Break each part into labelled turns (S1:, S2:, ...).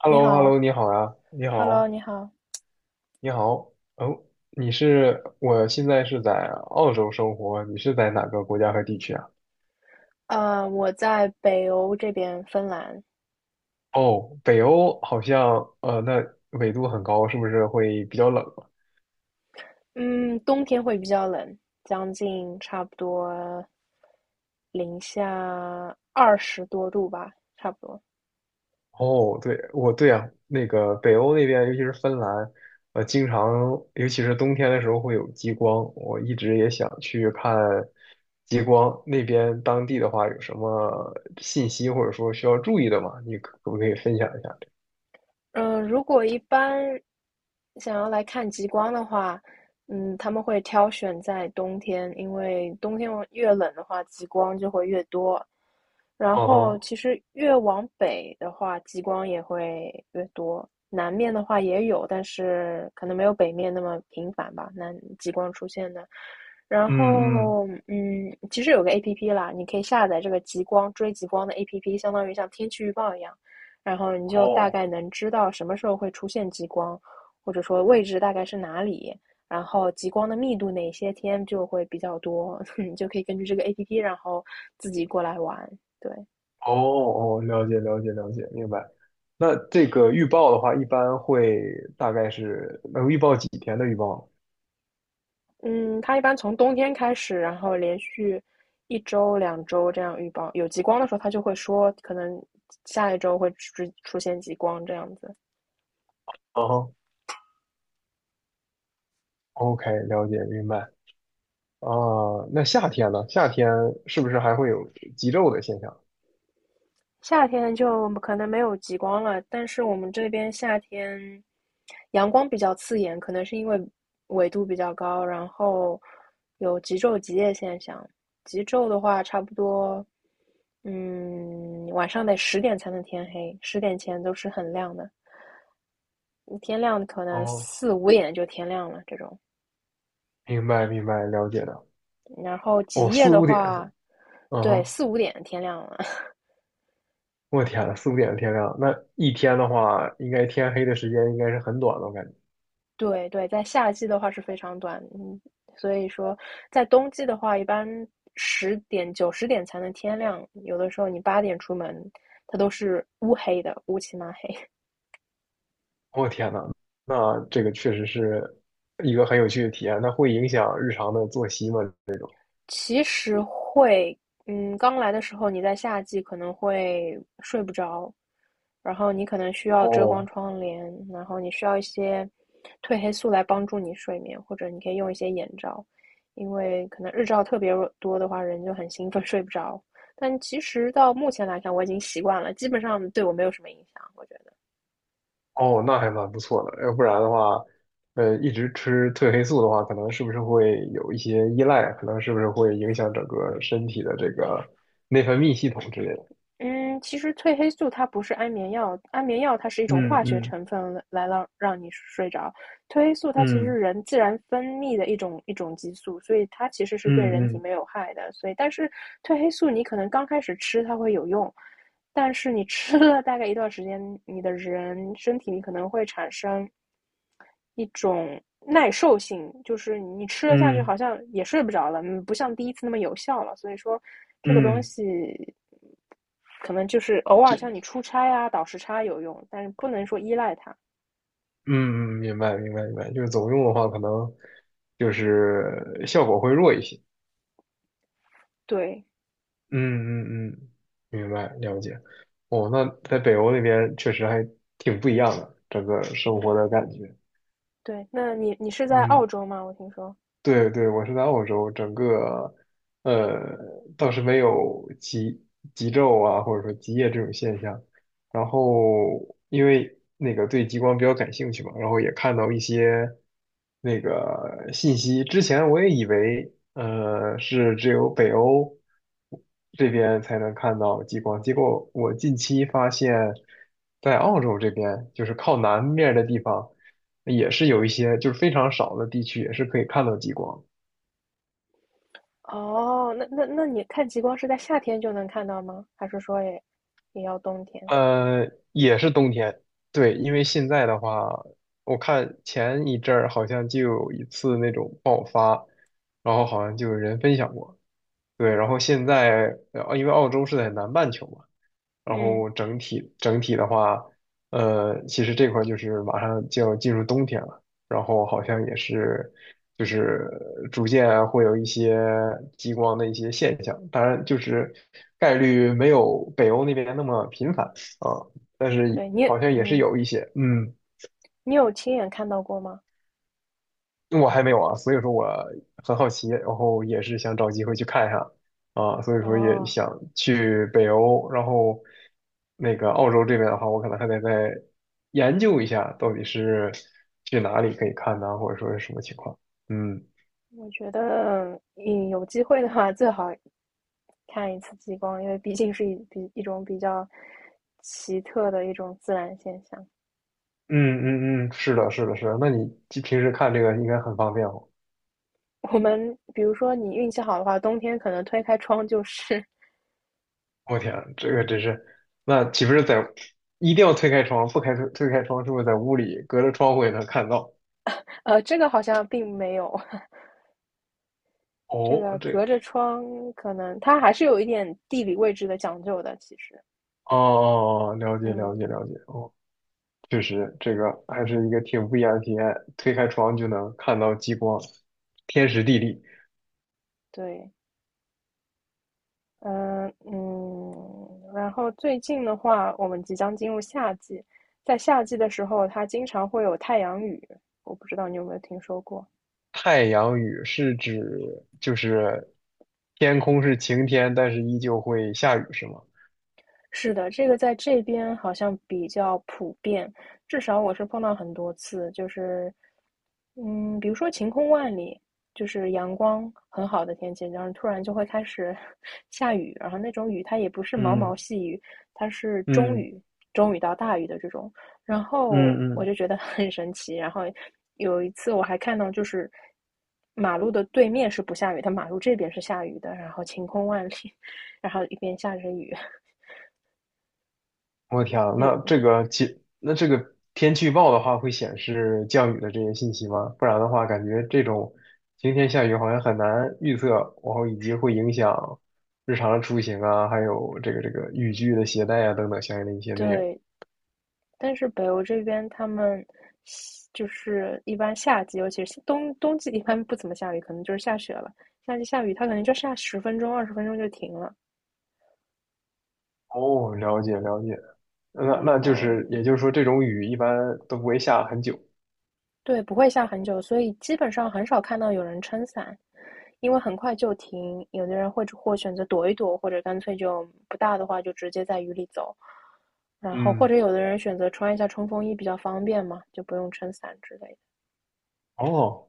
S1: h e l l
S2: 你
S1: o h e l l
S2: 好
S1: o 你好呀，你
S2: ，Hello，
S1: 好，
S2: 你好。
S1: 你好，哦，我现在是在澳洲生活，你是在哪个国家和地区啊？
S2: 我在北欧这边，芬兰。
S1: 哦，北欧好像，那纬度很高，是不是会比较冷啊。
S2: 嗯，冬天会比较冷，将近差不多零下20多度吧，差不多。
S1: 哦，对，我对啊，那个北欧那边，尤其是芬兰，呃，经常，尤其是冬天的时候会有极光，我一直也想去看极光。那边当地的话，有什么信息或者说需要注意的吗？你可不可以分享一下这
S2: 嗯，如果一般想要来看极光的话，嗯，他们会挑选在冬天，因为冬天越冷的话，极光就会越多。然
S1: 个？
S2: 后
S1: 哦。
S2: 其实越往北的话，极光也会越多。南面的话也有，但是可能没有北面那么频繁吧，南极光出现的。然
S1: 嗯嗯。
S2: 后，嗯，其实有个 APP 啦，你可以下载这个极光追极光的 APP,相当于像天气预报一样，然后你就大
S1: 哦
S2: 概能知道什么时候会出现极光。或者说位置大概是哪里，然后极光的密度哪些天就会比较多，你就可以根据这个 APP,然后自己过来玩。对。
S1: 哦哦，了解了解了解，明白。那这个预报的话，一般会大概是能预报几天的预报呢？
S2: 嗯，它一般从冬天开始，然后连续1周、2周这样预报，有极光的时候，它就会说可能下1周会出现极光这样子。
S1: 啊哈，OK，了解明白。啊，那夏天呢？夏天是不是还会有极昼的现象？
S2: 夏天就可能没有极光了，但是我们这边夏天阳光比较刺眼，可能是因为纬度比较高，然后有极昼极夜现象。极昼的话，差不多，嗯，晚上得十点才能天黑，十点前都是很亮的。天亮可能
S1: 哦，
S2: 四五点就天亮了这种，
S1: 明白明白，了解的。
S2: 然后
S1: 哦，
S2: 极夜
S1: 四
S2: 的
S1: 五点是
S2: 话，
S1: 吧，嗯
S2: 对，
S1: 哼。
S2: 四五点天亮了。
S1: 我天呐，四五点的天亮，那一天的话，应该天黑的时间应该是很短的，我感觉。
S2: 对对，在夏季的话是非常短，嗯，所以说在冬季的话，一般10点,9、10点才能天亮，有的时候你8点出门，它都是乌黑的，乌漆嘛黑。
S1: 我天呐，那这个确实是一个很有趣的体验。那会影响日常的作息吗？这种？
S2: 其实会，嗯，刚来的时候你在夏季可能会睡不着，然后你可能需要遮光
S1: 哦
S2: 窗帘，然后你需要一些褪黑素来帮助你睡眠，或者你可以用一些眼罩，因为可能日照特别多的话，人就很兴奋 睡不着。但其实到目前来看，我已经习惯了，基本上对我没有什么影响，我觉得。
S1: 哦，那还蛮不错的。要不然的话，一直吃褪黑素的话，可能是不是会有一些依赖？可能是不是会影响整个身体的这个内分泌系统之类的？
S2: 嗯，其实褪黑素它不是安眠药，安眠药它是一种
S1: 嗯
S2: 化学
S1: 嗯
S2: 成分来让你睡着，褪黑素它其实是
S1: 嗯
S2: 人自然分泌的一种激素，所以它其实是对
S1: 嗯
S2: 人体
S1: 嗯
S2: 没有害的。所以，但是褪黑素你可能刚开始吃它会有用，但是你吃了大概一段时间，你的人身体里可能会产生一种耐受性，就是你吃了下去
S1: 嗯
S2: 好像也睡不着了，嗯不像第一次那么有效了。所以说，这个东
S1: 嗯，
S2: 西可能就是偶尔像你
S1: 就
S2: 出差啊、倒时差有用，但是不能说依赖它。
S1: 嗯嗯，明白明白明白。就是总用的话，可能就是效果会弱一些。
S2: 对
S1: 嗯嗯嗯，明白，了解。哦，那在北欧那边确实还挺不一样的，整个生活的感觉。
S2: 对，那你是在
S1: 嗯，
S2: 澳洲吗？我听说。
S1: 对对，我是在澳洲，整个呃倒是没有极昼啊，或者说极夜这种现象。然后因为那个对极光比较感兴趣嘛，然后也看到一些那个信息。之前我也以为是只有北欧这边才能看到极光，结果我近期发现，在澳洲这边就是靠南面的地方。也是有一些就是非常少的地区也是可以看到极光，
S2: 哦，那你看极光是在夏天就能看到吗？还是说也也要冬天？
S1: 也是冬天，对，因为现在的话，我看前一阵儿好像就有一次那种爆发，然后好像就有人分享过，对，然后现在，因为澳洲是在南半球嘛，然
S2: 嗯。
S1: 后整体的话，其实这块儿就是马上就要进入冬天了，然后好像也是就是逐渐啊会有一些极光的一些现象，当然就是概率没有北欧那边那么频繁啊，但是
S2: 对,
S1: 好像也是
S2: 嗯，
S1: 有一些，嗯。
S2: 你有亲眼看到过吗？
S1: 我还没有啊，所以说我很好奇，然后也是想找机会去看一下啊，所以说也
S2: 哦。
S1: 想去北欧，然后那个澳洲这边的话，我可能还得再研究一下，到底是去哪里可以看呢，或者说是什么情况。嗯
S2: 我觉得，嗯，有机会的话，最好看一次极光，因为毕竟是一种比较奇特的一种自然现象。
S1: 嗯嗯嗯，是的，是的，是的。那你平时看这个应该很方便哦。
S2: 我们比如说，你运气好的话，冬天可能推开窗就是。
S1: 我天，这个真是，那岂不是在一定要推开窗，不开推开窗，是不是在屋里隔着窗户也能看到？
S2: 这个好像并没有。这
S1: 哦，
S2: 个隔着窗可能它还是有一点地理位置的讲究的，其实，
S1: 哦哦哦，了解了
S2: 嗯。
S1: 解了解，哦，确实这个还是一个挺不一样的体验。推开窗就能看到极光，天时地利。
S2: 对。嗯嗯，然后最近的话，我们即将进入夏季，在夏季的时候，它经常会有太阳雨，我不知道你有没有听说过。
S1: 太阳雨是指就是天空是晴天，但是依旧会下雨，是吗？
S2: 是的，这个在这边好像比较普遍，至少我是碰到很多次，就是嗯，比如说晴空万里，就是阳光很好的天气，然后突然就会开始 下雨，然后那种雨它也不是毛
S1: 嗯
S2: 毛细雨，它是中
S1: 嗯
S2: 雨，中雨到大雨的这种，然后
S1: 嗯
S2: 我
S1: 嗯。
S2: 就觉得 很神奇。然后有一次我还看到，就是马路的对面是不下雨，它马路这边是下雨的，然后晴空万里，然后一边下着雨。
S1: 我天啊，
S2: 就
S1: 那这个天气预报的话，会显示降雨的这些信息吗？不然的话，感觉这种晴天下雨好像很难预测，然后以及会影响日常的出行啊，还有这个雨具的携带啊等等相应的一些内容。
S2: 对，但是北欧这边他们就是一般夏季，尤其是冬季一般不怎么下雨，可能就是下雪了。夏季下雨，它可能就下10分钟、20分钟就停了。
S1: 哦，了解了解，那
S2: 然
S1: 那就
S2: 后
S1: 是也就是说，这种雨一般都不会下很久。
S2: 对，不会下很久，所以基本上很少看到有人撑伞，因为很快就停。有的人会或选择躲一躲，或者干脆就不大的话就直接在雨里走。然后或
S1: 嗯，
S2: 者有的人选择穿一下冲锋衣比较方便嘛，就不用撑伞之类的。
S1: 哦，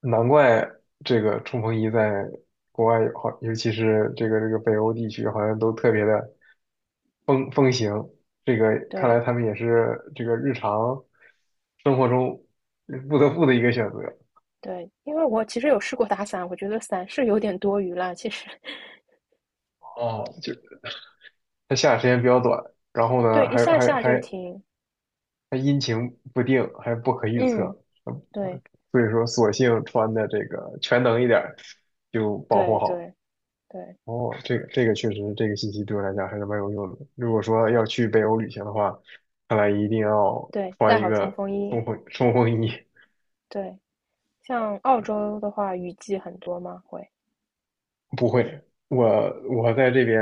S1: 难怪这个冲锋衣在国外好，尤其是这个北欧地区，好像都特别的。风行，这个看来
S2: 对，
S1: 他们也是这个日常生活中不得不的一个选择。
S2: 对，因为我其实有试过打伞，我觉得伞是有点多余啦，其实。
S1: 哦，就它下的时间比较短，然后
S2: 对，
S1: 呢，
S2: 一
S1: 还
S2: 下
S1: 还
S2: 下就
S1: 还
S2: 停。
S1: 还阴晴不定，还不可预测，
S2: 嗯，
S1: 嗯
S2: 对，
S1: 所以说索性穿的这个全能一点儿，就保护
S2: 对，
S1: 好。
S2: 对，对，
S1: 哦，这个确实，这个信息对我来讲还是蛮有用的。如果说要
S2: 像，
S1: 去北欧旅行的话，看来一定要
S2: 对，带
S1: 穿一
S2: 好冲
S1: 个
S2: 锋衣。
S1: 冲锋衣。
S2: 对，像澳洲的话，雨季很多吗？会
S1: 不会，我在这边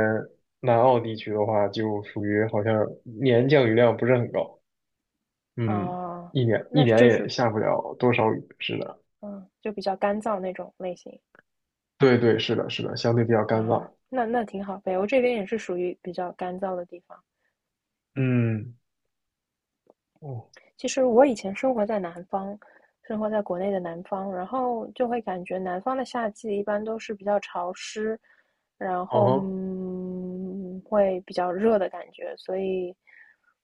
S1: 南澳地区的话，就属于好像年降雨量不是很高，嗯，
S2: 啊，
S1: 一年一
S2: 那
S1: 年
S2: 就
S1: 也
S2: 是，
S1: 下不了多少雨，是的，
S2: 嗯，就比较干燥那种类型
S1: 对对，是的，是的，相对比较干
S2: 啊，
S1: 燥，
S2: 那那挺好。北欧这边也是属于比较干燥的地方。
S1: 嗯，哦，
S2: 其实我以前生活在南方，生活在国内的南方，然后就会感觉南方的夏季一般都是比较潮湿，然后
S1: 哦，
S2: 嗯会比较热的感觉，所以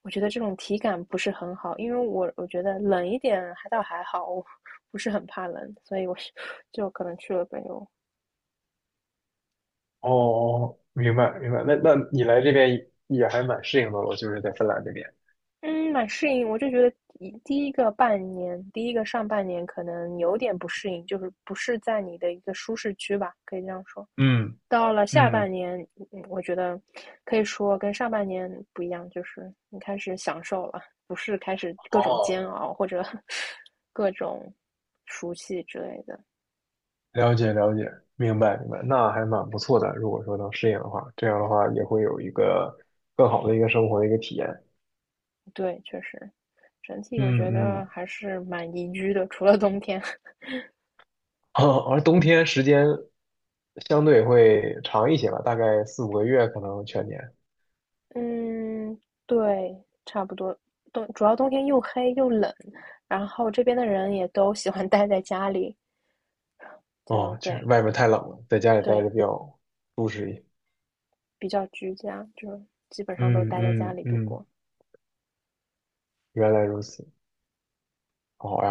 S2: 我觉得这种体感不是很好，因为我觉得冷一点还倒还好，我 不是很怕冷，所以我是 就可能去了北欧。
S1: 哦，哦，明白明白，那你来这边也还蛮适应的了，就是在芬兰这边，
S2: 嗯，蛮适应。我就觉得第一个半年，第一个上半年可能有点不适应，就是不是在你的一个舒适区吧，可以这样说。
S1: 嗯
S2: 到了下
S1: 嗯，
S2: 半年，嗯我觉得可以说跟上半年不一样，就是你开始享受了，不是开始各种煎
S1: 哦，
S2: 熬或者 各种熟悉之类的。
S1: 了解了解，明白明白，那还蛮不错的，如果说能适应的话，这样的话也会有一个更好的一个生活的一个体验。
S2: 对，确实，整体我觉
S1: 嗯
S2: 得
S1: 嗯，
S2: 还是蛮宜居的，除了冬天。
S1: 而冬天时间相对会长一些吧，大概4、5个月，可能全年。
S2: 嗯，对，差不多。冬，主要冬天又黑又冷，然后这边的人也都喜欢 待在家里，就
S1: 哦，就是
S2: 对
S1: 外面太冷了，在家里待
S2: 对，
S1: 着比较舒适一些。
S2: 比较居家，就基本上都
S1: 嗯
S2: 待在家
S1: 嗯
S2: 里度
S1: 嗯，
S2: 过。
S1: 原来如此。好呀。哎